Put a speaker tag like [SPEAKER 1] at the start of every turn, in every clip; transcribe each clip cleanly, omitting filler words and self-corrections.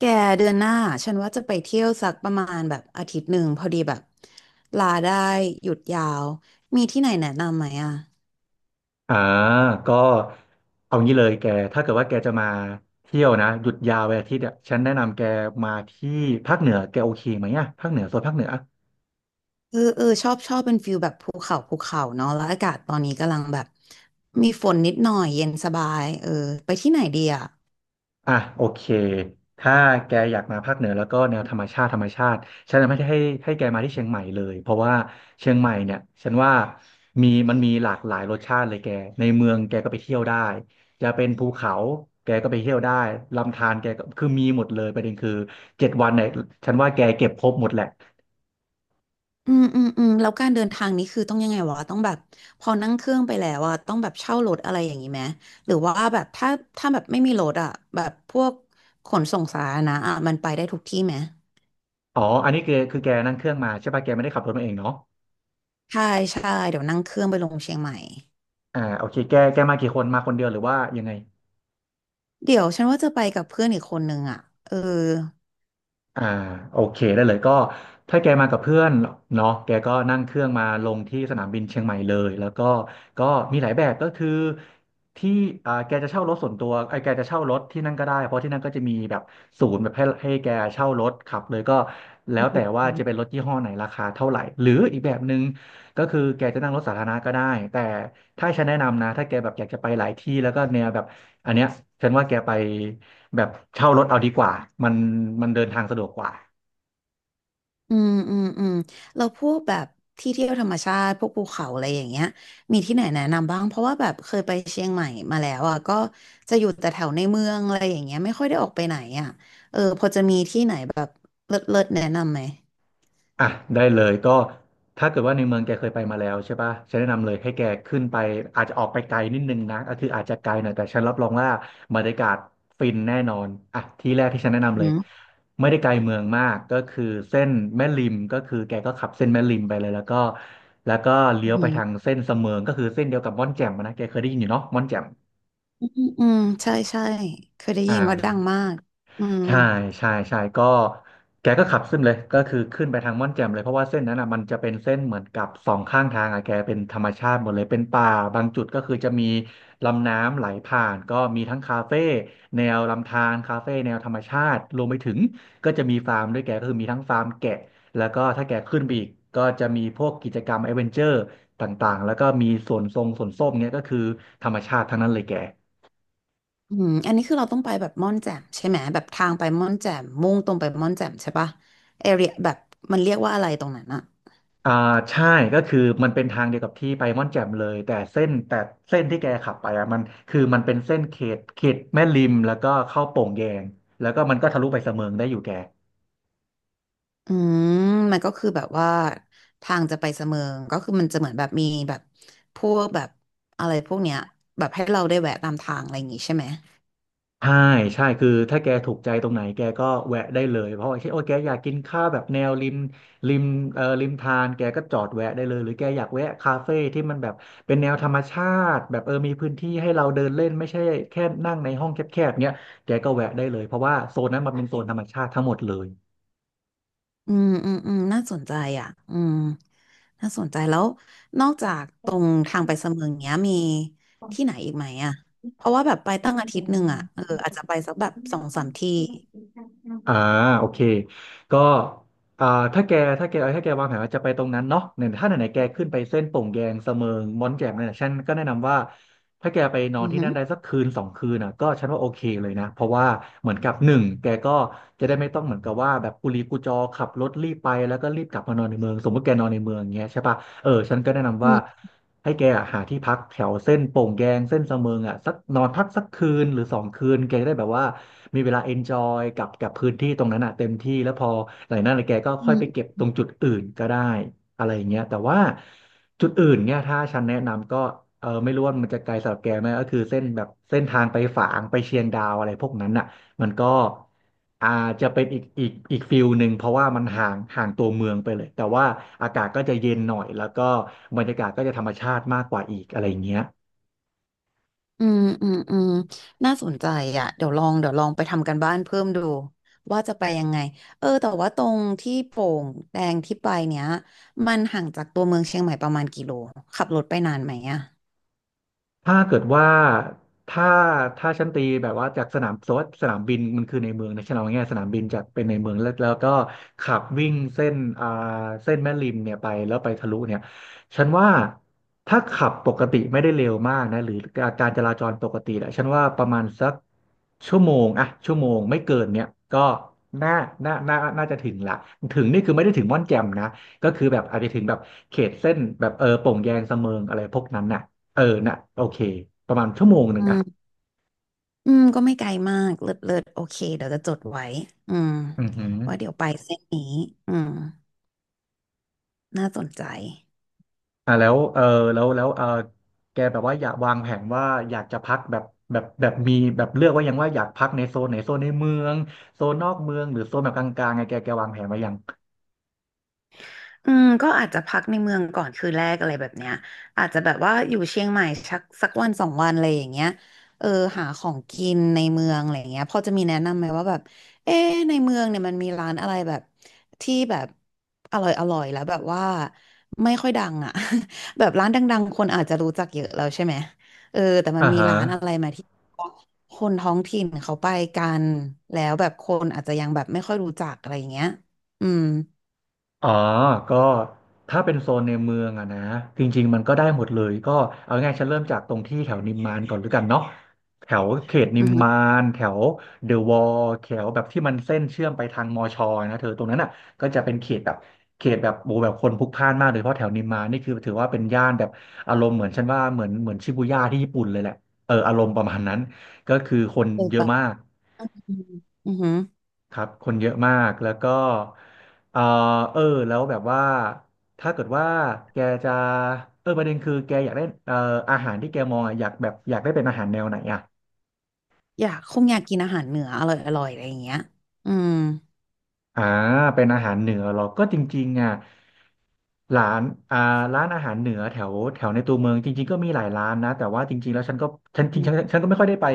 [SPEAKER 1] แกเดือนหน้าฉันว่าจะไปเที่ยวสักประมาณแบบอาทิตย์หนึ่งพอดีแบบลาได้หยุดยาวมีที่ไหนแนะนำไหมอ่ะ
[SPEAKER 2] อ่าก็เอางี้เลยแกถ้าเกิดว่าแกจะมาเที่ยวนะหยุดยาววันอาทิตย์เนี่ยฉันแนะนำแกมาที่ภาคเหนือแกโอเคไหมอ่ะภาคเหนือโซนภาคเหนือ
[SPEAKER 1] เอเออชอบชอบเป็นฟิลแบบภูเขาภูเขาเนาะแล้วอากาศตอนนี้กำลังแบบมีฝนนิดหน่อยเย็นสบายเออไปที่ไหนดีอ่ะ
[SPEAKER 2] อ่ะโอเคถ้าแกอยากมาภาคเหนือแล้วก็แนวธรรมชาติธรรมชาติฉันจะไม่ได้ให้แกมาที่เชียงใหม่เลยเพราะว่าเชียงใหม่เนี่ยฉันว่ามันมีหลากหลายรสชาติเลยแกในเมืองแกก็ไปเที่ยวได้จะเป็นภูเขาแกก็ไปเที่ยวได้ลำธารแกก็คือมีหมดเลยประเด็นคือ7 วันเนี่ยฉันว่าแกเก็บครบหมดแหละ
[SPEAKER 1] อืมอืมอืมแล้วการเดินทางนี้คือต้องยังไงวะต้องแบบพอนั่งเครื่องไปแล้วอ่ะต้องแบบเช่ารถอะไรอย่างนี้ไหมหรือว่าแบบถ้าแบบไม่มีรถอ่ะแบบพวกขนส่งสาธารณะอ่ะมันไปได้ทุกที่ไหม
[SPEAKER 2] อ๋ออันนี้คือแกนั่งเครื่องมาใช่ป่ะแกไม่ได้ขับรถมาเองเนาะ
[SPEAKER 1] ใช่ใช่เดี๋ยวนั่งเครื่องไปลงเชียงใหม่
[SPEAKER 2] โอเคแกมากี่คน มาคนเดียวหรือว่ายังไง
[SPEAKER 1] เดี๋ยวฉันว่าจะไปกับเพื่อนอีกคนนึงอ่ะเออ
[SPEAKER 2] อ่าโอเคได้เลยก็ถ้าแกมากับเพื่อนเนาะแกก็นั่งเครื่องมาลงที่สนามบินเชียงใหม่เลยแล้วก็มีหลายแบบก็คือที่แกจะเช่ารถส่วนตัวไอ้แกจะเช่ารถที่นั่นก็ได้เพราะที่นั่นก็จะมีแบบศูนย์แบบให้แกเช่ารถขับเลยก็แล้วแต่
[SPEAKER 1] อ
[SPEAKER 2] ว่า
[SPEAKER 1] ื
[SPEAKER 2] จะเป็น
[SPEAKER 1] ม
[SPEAKER 2] รถยี่ห้อไหนราคาเท่าไหร่หรืออีกแบบหนึ่งก็คือแกจะนั่งรถสาธารณะก็ได้แต่ถ้าฉันแนะนำนะถ้าแกแบบอยากจะไปหลายที่แล้วก็แนวแบบอันเนี้ยฉันว่าแกไป แบบเช่ารถเอาดีกว่ามันมันเดินทางสะดวกกว่า
[SPEAKER 1] อืมอืมเราพวกแบบที่เที่ยวธรรมชาติพวกภูเขาอะไรอย่างเงี้ยมีที่ไหนแนะนำบ้างเพราะว่าแบบเคยไปเชียงใหม่มาแล้วอ่ะก็จะอยู่แต่แถวในเมืองอะไรอย่างเงี้ยไม่ค่อยได้ออกไปไหนอ่ะเออพอจะมีที่ไหนแบบเลิศเลิศแนะนำไหม
[SPEAKER 2] อ่ะได้เลยก็ถ้าเกิดว่าในเมืองแกเคยไปมาแล้วใช่ปะฉันแนะนำเลยให้แกขึ้นไปอาจจะออกไปไกลนิดนึงนะก็คืออาจจะไกลหน่อยแต่ฉันรับรองว่าบรรยากาศฟินแน่นอนอ่ะที่แรกที่ฉันแนะนำเล
[SPEAKER 1] อื
[SPEAKER 2] ย
[SPEAKER 1] ม
[SPEAKER 2] ไม่ได้ไกลเมืองมากก็คือเส้นแม่ริมก็คือแกก็ขับเส้นแม่ริมไปเลยแล้วก็เลี้
[SPEAKER 1] อื
[SPEAKER 2] ยวไป
[SPEAKER 1] ม
[SPEAKER 2] ทางเส้นเสมิงก็คือเส้นเดียวกับม่อนแจ่มอะนะแกเคยได้ยินอยู่เนาะม่อนแจ่ม
[SPEAKER 1] อืมอืมใช่ใช่เคยได้ยิ
[SPEAKER 2] อ่า
[SPEAKER 1] นว่าดังมากอืม
[SPEAKER 2] ใช่ใช่ใช่ก็แกก็ขับขึ้นเลยก็คือขึ้นไปทางม่อนแจ่มเลยเพราะว่าเส้นนั้นอ่ะมันจะเป็นเส้นเหมือนกับสองข้างทางอ่ะแกเป็นธรรมชาติหมดเลยเป็นป่าบางจุดก็คือจะมีลำน้ำไหลผ่านก็มีทั้งคาเฟ่แนวลำธารคาเฟ่แนวธรรมชาติรวมไปถึงก็จะมีฟาร์มด้วยแกก็คือมีทั้งฟาร์มแกะแล้วก็ถ้าแกขึ้นไปอีกก็จะมีพวกกิจกรรมแอดเวนเจอร์ต่างๆแล้วก็มีสวนทรงสวนส้มเนี่ยก็คือธรรมชาติทั้งนั้นเลยแก
[SPEAKER 1] อืมอันนี้คือเราต้องไปแบบม่อนแจ่มใช่ไหมแบบทางไปม่อนแจ่มมุ่งตรงไปม่อนแจ่มใช่ปะเอเรียแบบมันเรียกว่าอะไรตรงนั้นอะ
[SPEAKER 2] อ่าใช่ก็คือมันเป็นทางเดียวกับที่ไปม่อนแจ่มเลยแต่เส้นแต่เส้นที่แกขับไปอ่ะมันคือมันเป็นเส้นเขตแม่ริมแล้วก็เข้าโป่งแยงแล้วก็มันก็ทะลุไปเสมิงได้อยู่แก
[SPEAKER 1] อืมมันก็คือแบบว่าทางจะไปเสมิงก็คือมันจะเหมือนแบบมีแบบพวกแบบอะไรพวกเนี้ยแบบให้เราได้แวะตามทางอะไรอย่างงี้ใช่ไหม
[SPEAKER 2] ใช่ใช่คือถ้าแกถูกใจตรงไหนแกก็แวะได้เลยเพราะว่าเช่นโอ้แกอยากกินข้าวแบบแนวริมริมริมทานแกก็จอดแวะได้เลยหรือแกอยากแวะคาเฟ่ที่มันแบบเป็นแนวธรรมชาติแบบเออมีพื้นที่ให้เราเดินเล่นไม่ใช่แค่นั่งในห้องแคบๆเนี้ยแกก็แวะได้เลยเพราะว่าโซนนั้นมันเป็นโซนธรรมชาติทั้งหมดเลย
[SPEAKER 1] อืมอืมอืมน่าสนใจอ่ะอืมน่าสนใจแล้วนอกจากตรงทางไปเสมิงเนี้ยมีที่ไหนอีกไหมอะเพราะว่าแบบไปตั้งอาทิตย์หนึ่งอะเอออาจจะไปสักแบบสองสามที่
[SPEAKER 2] อ่าโอเคก็อ่าถ้าแกถ้าแกวางแผนว่าจะไปตรงนั้นเนาะเนี่ยถ้าไหนๆแกขึ้นไปเส้นโป่งแยงเสมิงม้อนแจ่มเนี่ยฉันก็แนะนำว่าถ้าแกไปนอ
[SPEAKER 1] อื
[SPEAKER 2] นที่นั่นได้
[SPEAKER 1] ม
[SPEAKER 2] สักคืน 2 คืนอ่ะก็ฉันว่าโอเคเลยนะเพราะว่าเหมือนกับหนึ่งแกก็จะได้ไม่ต้องเหมือนกับว่าแบบกุลีกุจอขับรถรีบไปแล้วก็รีบกลับมานอนในเมืองสมมติแกนอนในเมืองอย่างเงี้ยใช่ปะเออฉันก็แนะนำ
[SPEAKER 1] อื
[SPEAKER 2] ว่า
[SPEAKER 1] ม
[SPEAKER 2] ให้แกอะหาที่พักแถวเส้นโป่งแยงเส้นสะเมิงอ่ะสักนอนพักสักคืนหรือ 2 คืนแกจะได้แบบว่ามีเวลาเอนจอยกับพื้นที่ตรงนั้นอ่ะเต็มที่แล้วพอหลังจากนั้นแกก็ค่
[SPEAKER 1] อื
[SPEAKER 2] อย
[SPEAKER 1] ม
[SPEAKER 2] ไปเก็บตรงจุดอื่นก็ได้อะไรอย่างเงี้ยแต่ว่าจุดอื่นเนี่ยถ้าฉันแนะนำก็เออไม่รู้ว่ามันจะไกลสำหรับแกไหมก็คือเส้นแบบเส้นทางไปฝางไปเชียงดาวอะไรพวกนั้นอ่ะ มันก็อาจจะเป็นอีกฟิลหนึ่งเพราะว่ามันห่างตัวเมืองไปเลยแต่ว่าอากาศก็จะเย็นหน่อยแล้วก็บรรยากาศก็จะธรรมชาติมากกว่าอีกอะไรอย่างเงี้ย
[SPEAKER 1] อืมอืมอืมน่าสนใจอ่ะเดี๋ยวลองเดี๋ยวลองไปทำกันบ้านเพิ่มดูว่าจะไปยังไง เออ แต่ว่าตรงที่โป่งแดงที่ไปเนี้ยมันห่างจากตัวเมืองเชียงใหม่ประมาณกี่โล ขับรถไปนานไหมอ่ะ
[SPEAKER 2] ถ้าเกิดว่าถ้าถ้าฉันตีแบบว่าจากสนามสมมติว่าสนามบินมันคือในเมืองนะฉันเอาง่ายๆสนามบินจากเป็นในเมืองแล้วก็ขับวิ่งเส้นอ่าเส้นแม่ริมเนี่ยไปแล้วไปทะลุเนี่ยฉันว่าถ้าขับปกติไม่ได้เร็วมากนะหรือการจราจรปกติแหละฉันว่าประมาณสักชั่วโมงอะชั่วโมงไม่เกินเนี่ยก็น่าน่าน่าจะถึงละถึงนี่คือไม่ได้ถึงม่อนแจ่มนะก็คือแบบอาจจะถึงแบบเขตเส้นแบบเออโป่งแยงสะเมิงอะไรพวกนั้นน่ะ เออน่ะโอเคประมาณชั่วโมงห
[SPEAKER 1] อื
[SPEAKER 2] นึ่งอ่ะ
[SPEAKER 1] มอืม ก็ไม่ไกลมากเลิศเลิศโอเคเดี๋ยวจะจดไว้อืม
[SPEAKER 2] อือหือ
[SPEAKER 1] ว่าเดี๋ยวไปเส้นนี้อืมน่าสนใจ
[SPEAKER 2] อ่าแล้วเออแล้วเออแกแบบว่าอยากวางแผนว่าอยากจะพักแบบมีแบบเลือกไว่ายังว่าอยากพักในโซนไหนโซนในเมืองโซนนอกเมืองหรือโซนแบบกลางๆไงแกวางแผนไว้ยัง
[SPEAKER 1] อืมก็อาจจะพักในเมืองก่อนคืนแรกอะไรแบบเนี้ยอาจจะแบบว่าอยู่เชียงใหม่สักสักวันสองวันอะไรอย่างเงี้ยเออหาของกินในเมืองอะไรอย่างเงี้ยพอจะมีแนะนำไหมว่าแบบเอ๊ะในเมืองเนี่ยมันมีร้านอะไรแบบที่แบบอร่อยอร่อยแล้วแบบว่าไม่ค่อยดังอ่ะ แบบร้านดังๆคนอาจจะรู้จักเยอะแล้วใช่ไหมเออแต่มัน
[SPEAKER 2] อ่า
[SPEAKER 1] มี
[SPEAKER 2] ฮะ
[SPEAKER 1] ร้านอะไรไหมาที่คนท้องถิ่นเขาไปกันแล้วแบบคนอาจจะยังแบบไม่ค่อยรู้จักอะไรอย่างเงี้ยอืม
[SPEAKER 2] อ๋อก็ถ้าเป็นโซนในเมืองอะนะจริงๆมันก็ได้หมดเลย ก็เอาง่ายๆฉันเริ่มจากตรงที่แถวนิมมานก่อนแล้วกันเนาะแถวเขตนิ
[SPEAKER 1] อื
[SPEAKER 2] ม
[SPEAKER 1] อฮึ
[SPEAKER 2] มาน แถวเดอะวอลแถวแบบที่มันเส้นเชื่อมไปทางมอชอนะเธอตรงนั้นอ่ะก็จะเป็นเขตแบบโบแบบคนพลุกพล่านมากโดยเฉพาะแถวนิมมานนี่คือถือว่าเป็นย่านแบบอารมณ์เหมือนฉันว่าเหมือนชิบูย่าที่ญี่ปุ่นเลยแหละเอออารมณ์ประมาณนั้นก็คือคน
[SPEAKER 1] เคย
[SPEAKER 2] เยอะมา
[SPEAKER 1] ไป
[SPEAKER 2] ก
[SPEAKER 1] อืมอือหือ
[SPEAKER 2] ครับคนเยอะมาก แล้วก็เออเออแล้วแบบว่าถ้าเกิดว่าแกจะเออประเด็นคือแกอยากได้อาหารที่แกมองอะอยากแบบอยากได้เป็นอาหารแนวไหนอ่ะ
[SPEAKER 1] อยากคงอยากกินอาหารเหนืออร่อยอร่อยอะไรอย่างเงี้ยอืม
[SPEAKER 2] อ่าเป็นอาหารเหนือเหรอก็จริงๆอ่ะร้านอ่าร้านอาหารเหนือแถวแถวในตัวเมืองจริงๆก็มีหลายร้านนะแต่ว่าจริงๆแล้วฉันจริงๆฉันก็ไม่ค่อยได้ไป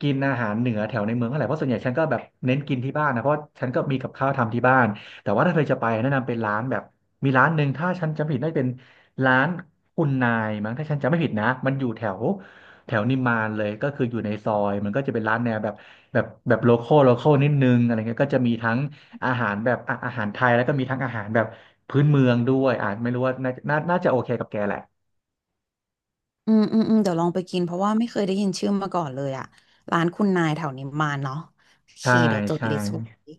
[SPEAKER 2] กินอาหารเหนือแถวในเมืองเท่าไหร่เพราะส่วนใหญ่ฉันก็แบบเน้นกินที่บ้านนะเพราะฉันก็มีกับข้าวทำที่บ้านแต่ว่าถ้าเธอจะไปแนะนำเป็นร้านแบบมีร้านหนึ่งถ้าฉันจำไม่ผิดน่าจะเป็นร้านคุณนายมั้งถ้าฉันจำไม่ผิดนะมันอยู่แถวแถวนิมมานเลยก็คืออยู่ในซอยมันก็จะเป็นร้านแนวแบบโลคอลนิดนึงอะไรเงี้ยก็จะมีทั้ง อาหารแบบอ่ะอาหารไทยแล้วก็มีทั้งอาหารแบบพื้นเมืองด้วยอ่ะไม่รู้ว่าน่าน่าจะโอเคกับแกแหละ
[SPEAKER 1] อืมอืมอืมเดี๋ยวลองไปกินเพราะว่าไม่เคยได้ยินชื่อมาก่อนเลยอะร้านคุณนายแถวนิมมานเนาะโอเค
[SPEAKER 2] ใช่
[SPEAKER 1] เดี๋ยวจด
[SPEAKER 2] ใช่
[SPEAKER 1] ลิสต์ไว้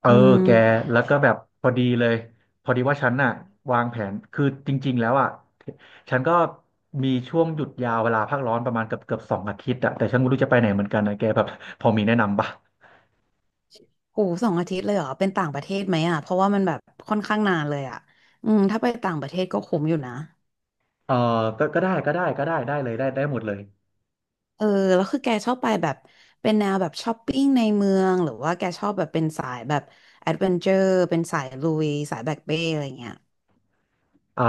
[SPEAKER 2] เออ
[SPEAKER 1] อืม
[SPEAKER 2] แกแล้วก็แบบพอดีเลยพอดีว่าฉันน่ะวางแผนคือจริงๆแล้วอ่ะฉันก็มีช่วงหยุดยาวเวลาพักร้อนประมาณเกือบ2 อาทิตย์อ่ะแต่ฉันไม่รู้จะไปไหนเหมือนกันนะแกแบบพอมีแนะนำปะ
[SPEAKER 1] โหสองอาทิตย์เลยเหรอเป็นต่างประเทศไหมอะเพราะว่ามันแบบค่อนข้างนานเลยอะอืมถ้าไปต่างประเทศก็คุ้มอยู่นะ
[SPEAKER 2] เออก็ก็ได้ก็ได้ก็ได้ได้เลยได้ได้หมดเลย
[SPEAKER 1] เออแล้วคือแกชอบไปแบบเป็นแนวแบบช้อปปิ้งในเมืองหรือว่าแกชอบแบบเป็นสายแบบแอดเวนเจอร์เป็นสายลุยสายแบ็คเป้อะไรเงี้ย
[SPEAKER 2] เอ่อ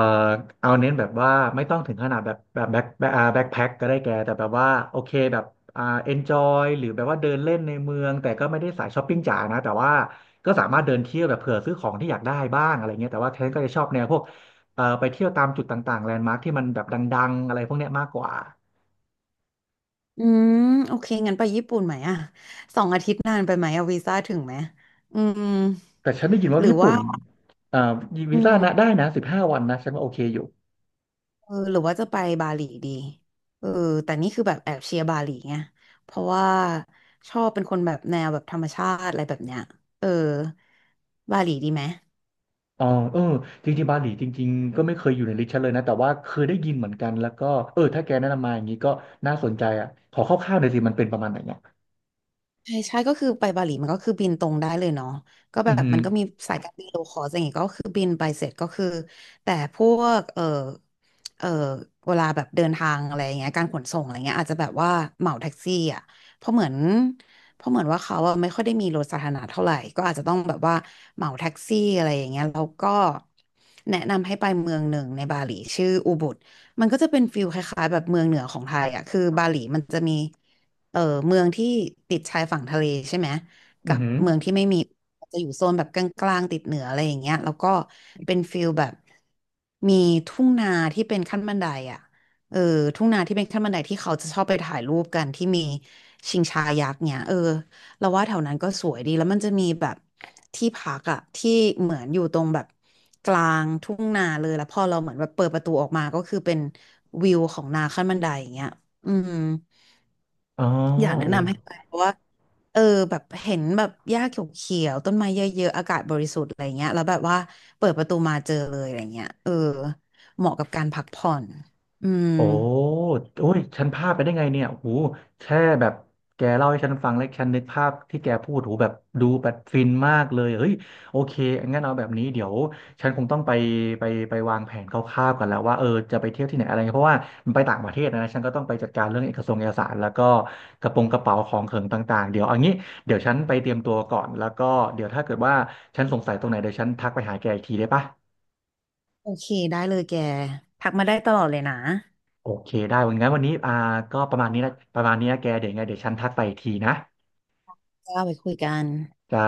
[SPEAKER 2] เอาเน้นแบบว่าไม่ต้องถึงขนาดแบบแบ็คแบ็คอ่าแบ็คแพ็คก็ได้แกแต่แบบว่าโอเคแบบอ่าเอนจอยหรือแบบว่าเดินเล่นในเมืองแต่ก็ไม่ได้สายช้อปปิ้งจ๋านะแต่ว่าก็สามารถเดินเที่ยวแบบเผื่อซื้อของที่อยากได้บ้างอะไรเงี้ยแต่ว่าเทนก็จะชอบแนวพวกไปเที่ยวตามจุดต่างๆแลนด์มาร์คที่มันแบบดังๆอะไรพวกเนี้ยมากกว่า
[SPEAKER 1] อืมโอเคงั้นไปญี่ปุ่นไหมอะสองอาทิตย์นานไปไหมอะวีซ่าถึงไหมอืม
[SPEAKER 2] แต่ฉันได้ยินว่า
[SPEAKER 1] หรือ
[SPEAKER 2] ญี่
[SPEAKER 1] ว่า
[SPEAKER 2] ปุ่นเอ่อ
[SPEAKER 1] อื
[SPEAKER 2] วีซ่านะ
[SPEAKER 1] ม
[SPEAKER 2] ได้นะ15 วันนะฉันว่าโอเคอยู่
[SPEAKER 1] เออหรือว่าจะไปบาหลีดีเออแต่นี่คือแบบแอบเชียร์บาหลีไงเพราะว่าชอบเป็นคนแบบแนวแบบธรรมชาติอะไรแบบเนี้ยเออบาหลีดีไหม
[SPEAKER 2] อ๋อเออจริงๆบาหลีจริงๆก็ไม่เคยอยู่ในลิสต์ฉันเลยนะแต่ว่าเคยได้ยินเหมือนกันแล้วก็เออถ้าแกแนะนำมาอย่างนี้ก็น่าสนใจอ่ะขอคร่าวๆหน่อยสิมันเป็นประมาณไหนเนี่ย
[SPEAKER 1] ใช่ใช่ก็คือไปบาหลีมันก็คือบินตรงได้เลยเนาะก็
[SPEAKER 2] อื
[SPEAKER 1] แบ
[SPEAKER 2] อ
[SPEAKER 1] บ
[SPEAKER 2] หือ
[SPEAKER 1] มันก็มีสายการบินโลคอสอย่างงี้ก็คือบินไปเสร็จก็คือแต่พวกเออเวลาแบบเดินทางอะไรอย่างเงี้ยการขนส่งอะไรเงี้ยอาจจะแบบว่าเหมาแท็กซี่อ่ะเพราะเหมือนเพราะเหมือนว่าเขาอะไม่ค่อยได้มีรถสาธารณะเท่าไหร่ก็อาจจะต้องแบบว่าเหมาแท็กซี่อะไรอย่างเงี้ยแล้วก็แนะนำให้ไปเมืองหนึ่งในบาหลีชื่ออูบุดมันก็จะเป็นฟิลคล้ายๆแบบเมืองเหนือของไทยอ่ะคือบาหลีมันจะมี เออเมืองที่ติดชายฝั่งทะเลใช่ไหม
[SPEAKER 2] อื
[SPEAKER 1] กั
[SPEAKER 2] อ
[SPEAKER 1] บ
[SPEAKER 2] หือ
[SPEAKER 1] เมืองที่ไม่มีจะอยู่โซนแบบกลางๆติดเหนืออะไรอย่างเงี้ยแล้วก็เป็นฟิลแบบมีทุ่งนาที่เป็นขั้นบันไดอ่ะเออทุ่งนาที่เป็นขั้นบันไดที่เขาจะชอบไปถ่ายรูปกันที่มีชิงช้ายักษ์เนี่ยเออเราว่าแถวนั้นก็สวยดีแล้วมันจะมีแบบที่พักอ่ะที่เหมือนอยู่ตรงแบบกลางทุ่งนาเลยแล้วพอเราเหมือนแบบเปิดประตูออกมาก็คือเป็นวิวของนาขั้นบันไดอย่างเงี้ยอืม
[SPEAKER 2] อ๋อ
[SPEAKER 1] อยากแนะ
[SPEAKER 2] โอ้
[SPEAKER 1] นำให้ไปเพราะว่าเออแบบเห็นแบบหญ้าเขียวๆต้นไม้เยอะๆอากาศบริสุทธิ์อะไรเงี้ยแล้วแบบว่าเปิดประตูมาเจอเลยอะไรเงี้ยเออเหมาะกับการพักผ่อนอืม
[SPEAKER 2] โอ้โอ้ยฉันพลาดไปได้ไงเนี่ยโอ้โหแค่แบบแกเล่าให้ฉันฟังแล้วฉันนึกภาพที่แกพูดโอ้โหแบบดูแบบฟินมากเลยเฮ้ยโอเคงั้นเอาแบบนี้เดี๋ยวฉันคงต้องไปไปวางแผนคร่าวๆกันแล้วว่าเออจะไปเที่ยวที่ไหนอะไรเงี้ยเพราะว่ามันไปต่างประเทศนะ ฉันก็ต้องไปจัดการเรื่องเอกสงค์เอกสารแล้วก็กระโปรงกระเป๋าของเขิงต่างๆเดี๋ยวเอางี้เดี๋ยวฉันไปเตรียมตัวก่อนแล้วก็เดี๋ยวถ้าเกิดว่าฉันสงสัยตรงไหนเดี๋ยวฉันทักไปหาแกอีกทีได้ปะ
[SPEAKER 1] โอเคได้เลยแกทักมาได้ตลอดเลยนะ
[SPEAKER 2] โอเคได้งั้นวันนี้อ่าก็ประมาณนี้นะประมาณนี้นะแกเดี๋ยวยังไงเดี๋ยวฉันทักไปอีกทีนะ
[SPEAKER 1] จ้าไปคุยกัน
[SPEAKER 2] จ้า